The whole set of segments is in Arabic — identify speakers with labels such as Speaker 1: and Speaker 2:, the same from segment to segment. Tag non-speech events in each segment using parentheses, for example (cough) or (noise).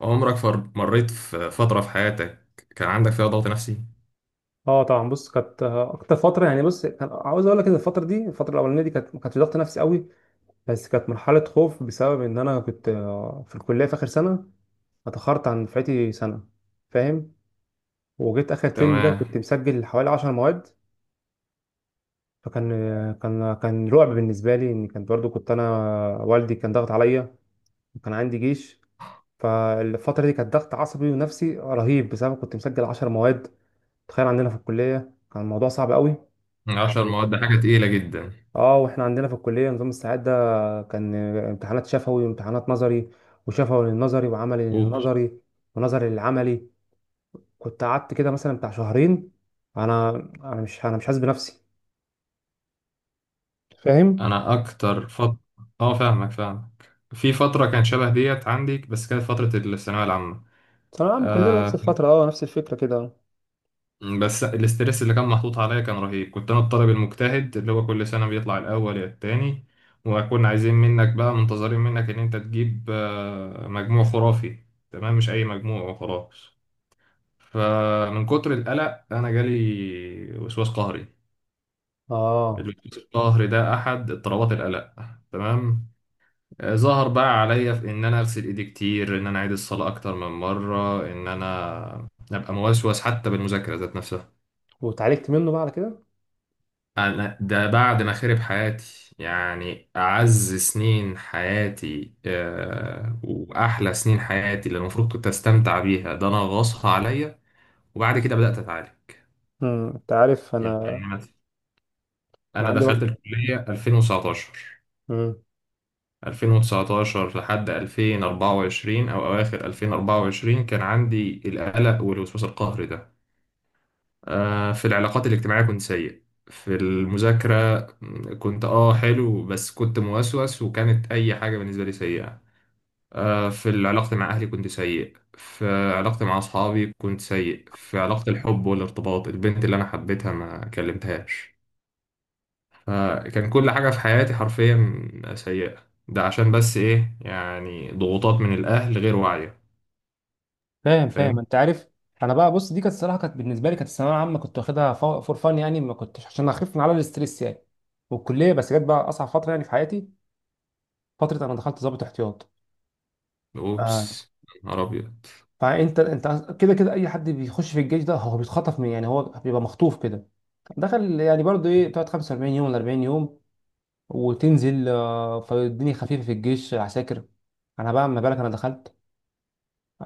Speaker 1: مريت في فترة في حياتك كان عندك فيها ضغط نفسي؟
Speaker 2: اه طبعا بص كانت اكتر فتره. يعني بص كان عاوز اقول لك ان الفتره دي الفتره الاولانيه دي كانت ما كانتش ضغط نفسي قوي، بس كانت مرحله خوف بسبب ان انا كنت في الكليه في اخر سنه. اتاخرت عن دفعتي سنه، فاهم؟ وجيت اخر ترم ده كنت
Speaker 1: تمام.
Speaker 2: مسجل حوالي 10 مواد. فكان آه، كان رعب بالنسبه لي، ان كان برضو كنت انا والدي كان ضغط عليا، وكان عندي جيش. فالفتره دي كانت ضغط عصبي ونفسي رهيب بسبب كنت مسجل 10 مواد. تخيل عندنا في الكليه كان الموضوع صعب قوي.
Speaker 1: عشر مواد ده حاجة تقيلة جدا.
Speaker 2: اه، واحنا عندنا في الكليه نظام الساعات ده، كان امتحانات شفوي وامتحانات نظري، وشفوي للنظري وعملي
Speaker 1: أوبس.
Speaker 2: للنظري ونظري للعملي. كنت قعدت كده مثلا بتاع شهرين. انا انا مش حاسس بنفسي، فاهم؟
Speaker 1: أنا أكتر فترة. فاهمك فاهمك في فترة كانت شبه ديت عندي، بس كانت فترة الثانوية العامة.
Speaker 2: ثانوية عامة كلنا نفس
Speaker 1: آه.
Speaker 2: الفترة، اه نفس الفكرة كده.
Speaker 1: بس الاسترس اللي كان محطوط عليا كان رهيب، كنت أنا الطالب المجتهد اللي هو كل سنة بيطلع الأول يا التاني. وكنا عايزين منك بقى، منتظرين منك إن أنت تجيب مجموع خرافي، تمام، مش أي مجموع وخلاص. فمن كتر القلق انا جالي وسواس قهري.
Speaker 2: اه،
Speaker 1: الوسواس القهري ده احد اضطرابات القلق، تمام. ظهر بقى عليا في ان انا اغسل ايدي كتير، ان انا اعيد الصلاه اكتر من مره، ان انا ابقى موسوس حتى بالمذاكره ذات نفسها.
Speaker 2: واتعالجت منه بقى على كده.
Speaker 1: انا ده بعد ما خرب حياتي، يعني اعز سنين حياتي، واحلى سنين حياتي اللي المفروض كنت استمتع بيها، ده انا غصها عليا. وبعد كده بدات اتعالج
Speaker 2: امم، انت عارف
Speaker 1: يعني.
Speaker 2: انا كان
Speaker 1: انا
Speaker 2: عندي
Speaker 1: دخلت الكليه 2019
Speaker 2: وقت.
Speaker 1: 2019 لحد 2024 او اواخر 2024 كان عندي القلق والوسواس القهري ده. في العلاقات الاجتماعيه كنت سيء، في المذاكره كنت حلو، بس كنت موسوس وكانت اي حاجه بالنسبه لي سيئه. في علاقتي مع اهلي كنت سيء، في علاقتي مع اصحابي كنت سيء، في علاقه الحب والارتباط البنت اللي انا حبيتها ما كلمتهاش. فكان كل حاجة في حياتي حرفيا سيئة، ده عشان بس إيه؟ يعني ضغوطات من الأهل غير واعية.
Speaker 2: فاهم فاهم،
Speaker 1: فاهم.
Speaker 2: انت عارف انا بقى. بص دي كانت الصراحه، كانت بالنسبه لي كانت الثانويه العامه كنت واخدها فور فان، يعني ما كنتش عشان اخف من على الاستريس يعني. والكليه بس جت بقى اصعب فتره يعني في حياتي. فتره انا دخلت ضابط احتياط آه.
Speaker 1: أوبس. يا نهار أبيض.
Speaker 2: فانت انت كده كده اي حد بيخش في الجيش ده هو بيتخطف، من يعني هو بيبقى مخطوف كده. دخل يعني برضه ايه، تقعد 45 يوم ولا 40 يوم وتنزل. فالدنيا خفيفه في الجيش عساكر. انا بقى ما بالك انا دخلت.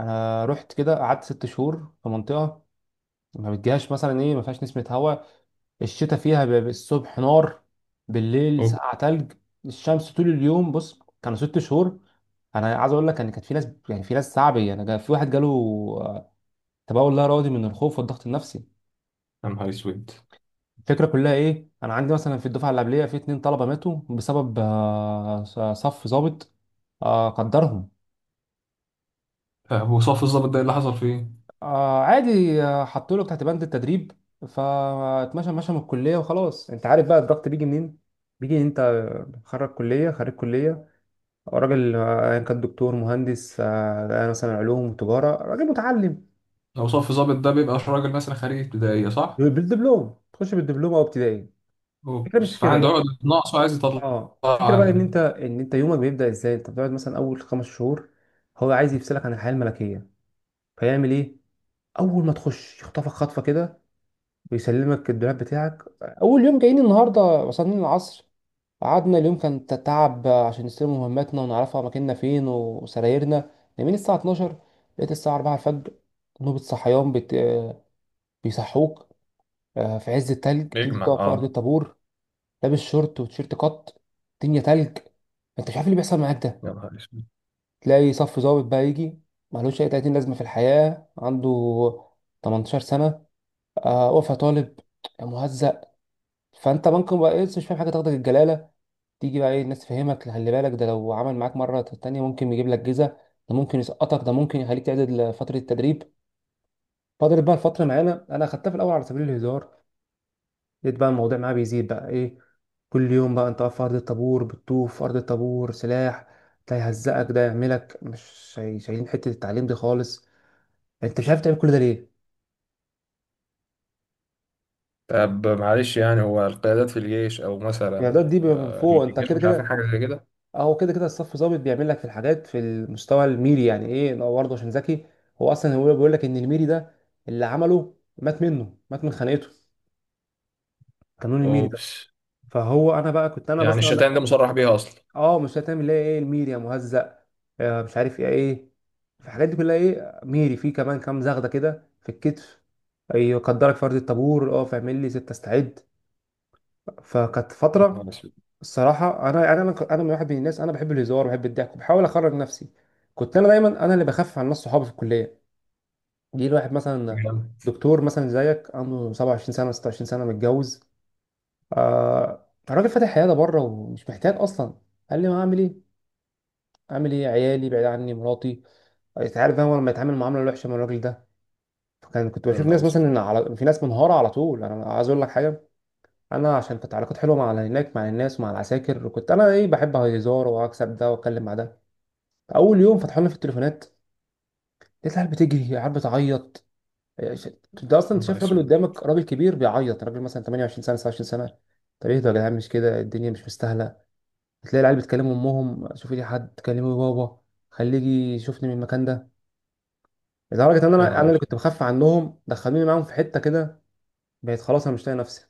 Speaker 2: انا رحت كده قعدت ست شهور في منطقه ما بتجيهاش مثلا ايه، ما فيهاش نسمه هواء. الشتاء فيها بيبقى الصبح نار، بالليل
Speaker 1: اوه.
Speaker 2: سقعة تلج، الشمس طول اليوم. بص كانوا ست شهور. انا عايز اقول لك ان كانت في ناس يعني في ناس صعبه. انا في واحد جاله آه، تبول لا ارادي من الخوف والضغط النفسي.
Speaker 1: يا نهار اسود.
Speaker 2: الفكره كلها ايه، انا عندي مثلا في الدفعه اللي قبليه في اتنين طلبه ماتوا بسبب صف ظابط. قدرهم
Speaker 1: وصف الظابط ده إيه اللي حصل فيه؟
Speaker 2: عادي. حطوا له تحت بند التدريب، فاتمشى مشى من الكليه وخلاص. انت عارف بقى الضغط بيجي منين؟ بيجي انت خرج كليه، خريج كليه، راجل ايا كان دكتور مهندس مثلا علوم وتجاره، راجل متعلم
Speaker 1: لو صف الظابط ده بيبقى راجل مثلا خريج ابتدائية، صح؟
Speaker 2: بالدبلوم. تخش بالدبلوم او ابتدائي. الفكره مش
Speaker 1: اوبس،
Speaker 2: في كده
Speaker 1: فعنده
Speaker 2: بقى.
Speaker 1: عقدة نقص وعايز يطلع.
Speaker 2: اه الفكره بقى ان
Speaker 1: عليه.
Speaker 2: انت ان انت يومك بيبدا ازاي. انت بتقعد مثلا اول خمس شهور هو عايز يفصلك عن الحياه الملكيه. فيعمل ايه؟ اول ما تخش يخطفك خطفه كده، ويسلمك الدولاب بتاعك. اول يوم جايين النهارده وصلنا العصر، قعدنا اليوم كان تعب عشان نستلم مهماتنا ونعرفها مكاننا فين وسرايرنا. نايمين الساعة 12، لقيت الساعة 4 الفجر نوبة صحيان بت... آه، بيصحوك. في عز التلج تنزل
Speaker 1: بيجمع،
Speaker 2: تقف في أرض
Speaker 1: اه.
Speaker 2: الطابور لابس شورت وتيشيرت قط، الدنيا تلج. انت مش عارف إيه اللي بيحصل معاك ده.
Speaker 1: يا نهار اسود.
Speaker 2: تلاقي صف ضابط بقى يجي ملوش أي 30 لازمة في الحياة، عنده 18 سنة وقفة طالب مهزأ. فأنت ممكن بقى مش فاهم حاجة تاخدك الجلالة. تيجي بقى ايه، الناس تفهمك خلي بالك، ده لو عمل معاك مرة تانية ممكن يجيب لك جزا، ده ممكن يسقطك، ده ممكن يخليك تعدل فترة التدريب. فضلت بقى الفترة معانا انا خدتها في الاول على سبيل الهزار، لقيت بقى الموضوع معايا بيزيد بقى ايه. كل يوم بقى انت واقف في ارض الطابور، بتطوف في ارض الطابور سلاح، ده يهزقك ده يعملك. مش شاي- شايلين حتة التعليم دي خالص، يعني انت مش عارف تعمل كل ده ليه؟
Speaker 1: طب معلش، يعني هو القيادات في الجيش او
Speaker 2: يعني
Speaker 1: مثلا
Speaker 2: ده دي بيبقى من فوق، انت
Speaker 1: الجيش
Speaker 2: كده
Speaker 1: مش عارفين
Speaker 2: كده.
Speaker 1: حاجه زي كده.
Speaker 2: اه هو كده كده الصف ظابط بيعمل لك في الحاجات في المستوى الميري، يعني ايه لو برضه عشان ذكي. هو اصلا هو بيقول لك ان الميري ده اللي عمله مات منه، مات من خناقته قانون الميري ده.
Speaker 1: اوبس،
Speaker 2: فهو انا بقى كنت انا
Speaker 1: يعني
Speaker 2: بس أنا
Speaker 1: الشتائم ده مصرح بيها اصلا؟
Speaker 2: اه، مش هتعمل ليه ايه الميري يا مهزأ؟ آه مش عارف ايه في الحاجات دي كلها، ايه ميري في كمان كام زغده كده في الكتف. ايوه قدرك فرد الطابور، اه فاعمل لي ستة استعد. فكانت
Speaker 1: يا
Speaker 2: فترة.
Speaker 1: نهار اسود.
Speaker 2: الصراحه انا من واحد من الناس، انا بحب الهزار وبحب الضحك وبحاول اخرج نفسي. كنت انا دايما انا اللي بخفف عن ناس صحابي في الكليه. جه الواحد مثلا دكتور مثلا زيك عنده 27 سنه 26 سنه متجوز، آه راجل فاتح عياده بره ومش محتاج اصلا. قال لي ما اعمل ايه؟ اعمل ايه؟ عيالي بعيد عني، مراتي. انت عارف انا لما يتعامل معامله وحشه من الراجل ده. فكان كنت
Speaker 1: يا
Speaker 2: بشوف
Speaker 1: نهار
Speaker 2: ناس مثلا
Speaker 1: اسود.
Speaker 2: إن على، في ناس منهاره على طول. انا عايز اقول لك حاجه، انا عشان كنت علاقات حلوه مع هناك مع الناس ومع العساكر، وكنت انا ايه بحب هزار واكسب ده واتكلم مع ده. اول يوم فتحوا لنا في التليفونات لقيت العيال بتجري، العيال بتعيط، إيه، ش- انت اصلا
Speaker 1: يا
Speaker 2: انت
Speaker 1: نهار
Speaker 2: شايف راجل
Speaker 1: اسود.
Speaker 2: قدامك، راجل كبير بيعيط، راجل مثلا 28 سنه 29 سنه. طب ايه ده يا جدعان؟ مش كده الدنيا مش مستاهله. بتلاقي العيال بتكلم امهم، شوفي لي حد، كلمي بابا خليه يجي يشوفني من المكان ده. لدرجه ان
Speaker 1: يا
Speaker 2: انا
Speaker 1: نهار
Speaker 2: اللي كنت
Speaker 1: اسود.
Speaker 2: بخاف عنهم دخلوني معاهم في حته كده. بقيت خلاص انا مش طايق نفسي.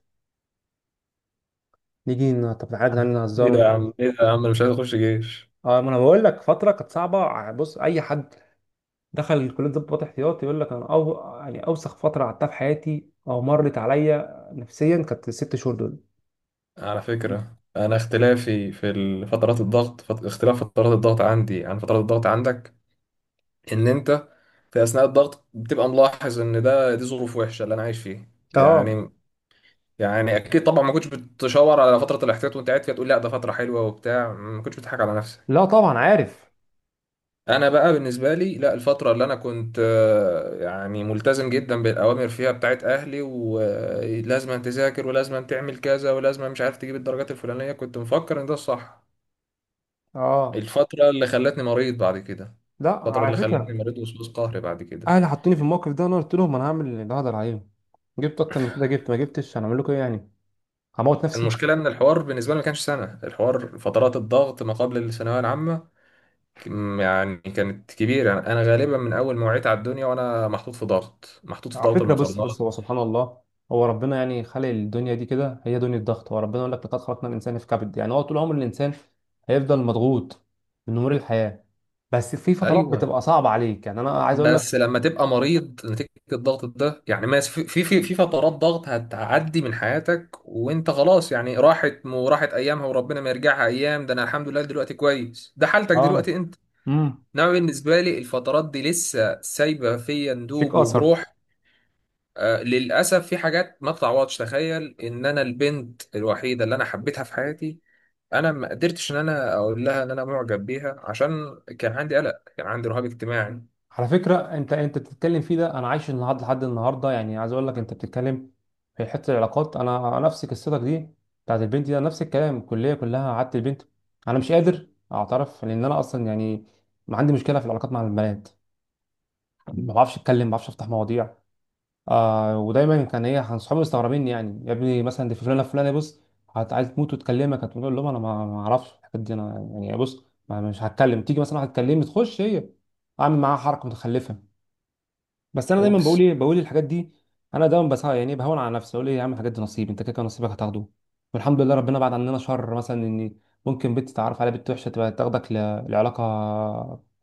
Speaker 2: طب تعالى يا جدعان
Speaker 1: ايه
Speaker 2: نهزر
Speaker 1: ده يا
Speaker 2: ونضحك.
Speaker 1: عم، ايه ده يا عم، انا مش عايز اخش جيش.
Speaker 2: اه ما انا بقول لك فتره كانت صعبه. بص اي حد دخل كليه ضباط احتياط يقول لك انا أو يعني اوسخ فتره قعدتها في حياتي، او مرت عليا نفسيا، كانت الست شهور دول.
Speaker 1: على فكرة انا اختلافي في فترات الضغط اختلاف فترات الضغط عندي عن فترات الضغط عندك، ان انت في اثناء الضغط بتبقى ملاحظ ان ده دي ظروف وحشة اللي انا عايش فيه
Speaker 2: اه.
Speaker 1: يعني. يعني اكيد طبعا ما كنتش بتشاور على فترة الاحتياط وانت قاعد فيها، تقول لا ده فترة حلوة وبتاع، ما كنتش بتضحك على نفسك.
Speaker 2: لا طبعا عارف.
Speaker 1: انا بقى بالنسبه لي لا، الفتره اللي انا كنت يعني ملتزم جدا بالاوامر فيها بتاعت اهلي، ولازم أن تذاكر ولازم أن تعمل كذا ولازم أن مش عارف تجيب الدرجات الفلانيه، كنت مفكر ان ده الصح.
Speaker 2: اه.
Speaker 1: الفتره اللي خلتني مريض بعد كده.
Speaker 2: لا
Speaker 1: الفتره
Speaker 2: على
Speaker 1: اللي خلتني
Speaker 2: فكره،
Speaker 1: مريض وسواس قهري بعد كده.
Speaker 2: اهلي حطوني في الموقف ده وانا قلت لهم انا هعمل اللي هقدر عليهم. جبت اكتر من كده جبت، ما جبتش هنعمل لكم ايه يعني؟ هموت نفسي.
Speaker 1: المشكله ان الحوار بالنسبه لي ما كانش سنه، الحوار فترات الضغط ما قبل الثانويه العامه يعني كانت كبيره، يعني انا غالبا من اول ما وعيت على الدنيا وانا محطوط في ضغط، محطوط في
Speaker 2: على
Speaker 1: ضغط
Speaker 2: فكرة بص
Speaker 1: المقارنات.
Speaker 2: بص هو سبحان الله، هو ربنا يعني خلق الدنيا دي كده، هي دنيا ضغط. هو ربنا يقول لك لقد خلقنا الإنسان في كبد. يعني هو طول عمر الإنسان هيفضل مضغوط من أمور الحياة. بس في فترات
Speaker 1: ايوه.
Speaker 2: بتبقى صعبة عليك، يعني أنا عايز أقول لك.
Speaker 1: بس لما تبقى مريض نتيجة الضغط ده يعني، ما في فترات ضغط هتعدي من حياتك وانت خلاص، يعني راحت وراحت ايامها، وربنا ما يرجعها ايام. ده انا الحمد لله دلوقتي كويس، ده حالتك
Speaker 2: آه.
Speaker 1: دلوقتي انت.
Speaker 2: امم،
Speaker 1: انما بالنسبة لي الفترات دي لسه سايبة فيا
Speaker 2: فيك
Speaker 1: ندوب
Speaker 2: أثر.
Speaker 1: وجروح. آه للأسف في حاجات ما تتعوضش، تخيل ان انا البنت الوحيدة اللي انا حبيتها في حياتي انا ما قدرتش ان انا اقول لها ان انا معجب بيها، عشان كان عندي قلق، كان عندي رهاب اجتماعي.
Speaker 2: على فكرة أنت بتتكلم فيه ده، أنا عايش النهاردة لحد النهاردة. يعني عايز أقول لك، أنت بتتكلم في حتة العلاقات، أنا نفس قصتك دي بتاعت البنت دي، أنا نفس الكلام. الكلية كلها قعدت البنت، أنا مش قادر أعترف لأن أنا أصلا يعني ما عندي مشكله في العلاقات مع البنات. ما بعرفش اتكلم، ما بعرفش افتح مواضيع. آه ودايما كان ايه، كان صحابي مستغربين، يعني يا ابني مثلا دي فلانه فلانه، بص عايز تموت وتكلمك؟ هتقول لهم انا ما اعرفش الحاجات دي، انا يعني بص ما مش هتكلم. تيجي مثلا واحد تكلمني تخش هي اعمل معاها حركه متخلفه؟ بس انا دايما بقول
Speaker 1: اوبس.
Speaker 2: ايه، بقول الحاجات دي. انا دايما بس يعني بهون على نفسي اقول ايه، يا عم الحاجات دي نصيب، انت كده كده نصيبك هتاخده. والحمد لله ربنا بعد عننا شر، مثلا ان ممكن بنت تعرف على بنت وحشه تبقى تاخدك لعلاقه،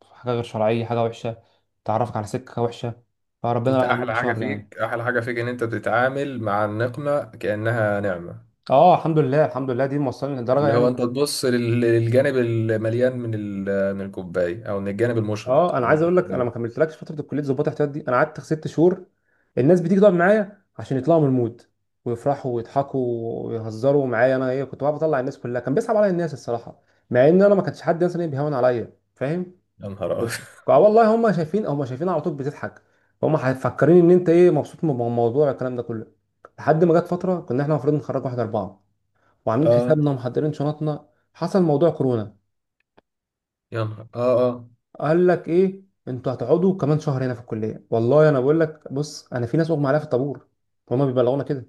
Speaker 2: حاجه غير شرعيه، حاجه وحشه تعرفك على سكه وحشه، فربنا
Speaker 1: انت
Speaker 2: بعد عننا
Speaker 1: احلى حاجه
Speaker 2: شر يعني.
Speaker 1: فيك، احلى حاجه فيك ان انت بتتعامل مع النقمه كانها نعمه.
Speaker 2: اه الحمد لله الحمد لله، دي موصلني لدرجه
Speaker 1: اللي هو
Speaker 2: يعني.
Speaker 1: انت تبص للجانب المليان من من الكوبايه، او من الجانب المشرق
Speaker 2: اه انا
Speaker 1: من
Speaker 2: عايز اقول لك، انا ما
Speaker 1: الامور.
Speaker 2: كملتلكش فتره الكليه ظباط احتياط دي، انا قعدت ست شهور. الناس بتيجي تقعد معايا عشان يطلعوا من المود ويفرحوا ويضحكوا ويهزروا معايا. انا ايه كنت بقى بطلع الناس كلها، كان بيصعب عليا الناس الصراحه، مع ان انا ما كانش حد مثلا إيه بيهون عليا، فاهم؟
Speaker 1: يا نهار ابيض.
Speaker 2: اه والله هم شايفين، هم شايفين على طول بتضحك، هم مفكرين ان انت ايه مبسوط من الموضوع الكلام ده كله. لحد ما جت فتره كنا احنا المفروض نخرج واحد اربعه
Speaker 1: (laughs)
Speaker 2: وعاملين
Speaker 1: اه.
Speaker 2: حسابنا ومحضرين شنطنا، حصل موضوع كورونا.
Speaker 1: يا نهار، اه اه.
Speaker 2: قال لك ايه، انتوا هتقعدوا كمان شهر هنا في الكليه. والله انا بقول لك بص، انا في ناس اغمى عليها في الطابور، هما بيبلغونا كده.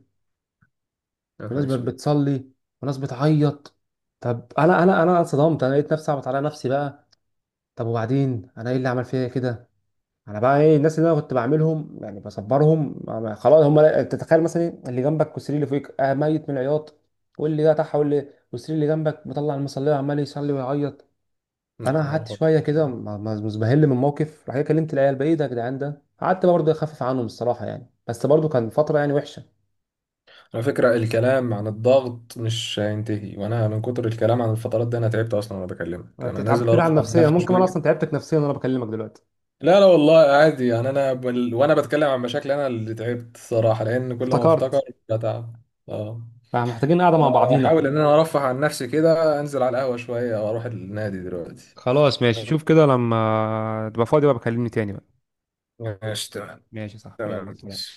Speaker 1: يا نهار
Speaker 2: وناس
Speaker 1: اسود.
Speaker 2: بتصلي، وناس بتعيط. طب انا اتصدمت، انا لقيت نفسي اعبط على نفسي بقى. طب وبعدين انا ايه اللي عمل فيا كده؟ انا بقى ايه الناس اللي انا كنت بعملهم يعني بصبرهم خلاص هم. تتخيل مثلا إيه؟ اللي جنبك والسرير اللي فوقك آه ميت من العياط، واللي ده تحت واللي والسرير اللي جنبك مطلع المصليه وعمال يصلي ويعيط.
Speaker 1: لا
Speaker 2: فانا
Speaker 1: حول ولا
Speaker 2: قعدت
Speaker 1: قوه
Speaker 2: شويه
Speaker 1: إلا
Speaker 2: كده
Speaker 1: بالله.
Speaker 2: مزبهل من الموقف. راح جاي كلمت العيال بقى ايه ده يا جدعان، ده قعدت برضه إيه اخفف عنهم الصراحه يعني، بس برضه كان فتره يعني وحشه.
Speaker 1: على فكره الكلام عن الضغط مش هينتهي، وانا من كتر الكلام عن الفترات دي انا تعبت اصلا وانا بكلمك، انا
Speaker 2: بتتعب،
Speaker 1: نازل
Speaker 2: بتتعب
Speaker 1: ارفع عن
Speaker 2: نفسيا.
Speaker 1: نفسي
Speaker 2: ممكن انا
Speaker 1: شويه.
Speaker 2: اصلا تعبتك نفسيا وانا بكلمك دلوقتي.
Speaker 1: لا لا والله عادي يعني، انا وانا بتكلم عن مشاكلي انا اللي تعبت الصراحه، لان كل ما افتكر
Speaker 2: افتكرت.
Speaker 1: بتعب. اه.
Speaker 2: فمحتاجين قاعده مع بعضينا.
Speaker 1: احاول ان انا ارفه عن نفسي كده، انزل على القهوه شويه واروح النادي دلوقتي.
Speaker 2: خلاص ماشي، شوف كده لما تبقى فاضي بقى بكلمني تاني بقى.
Speaker 1: ماشي تمام.
Speaker 2: ماشي صح، يلا
Speaker 1: تمام.
Speaker 2: سلام.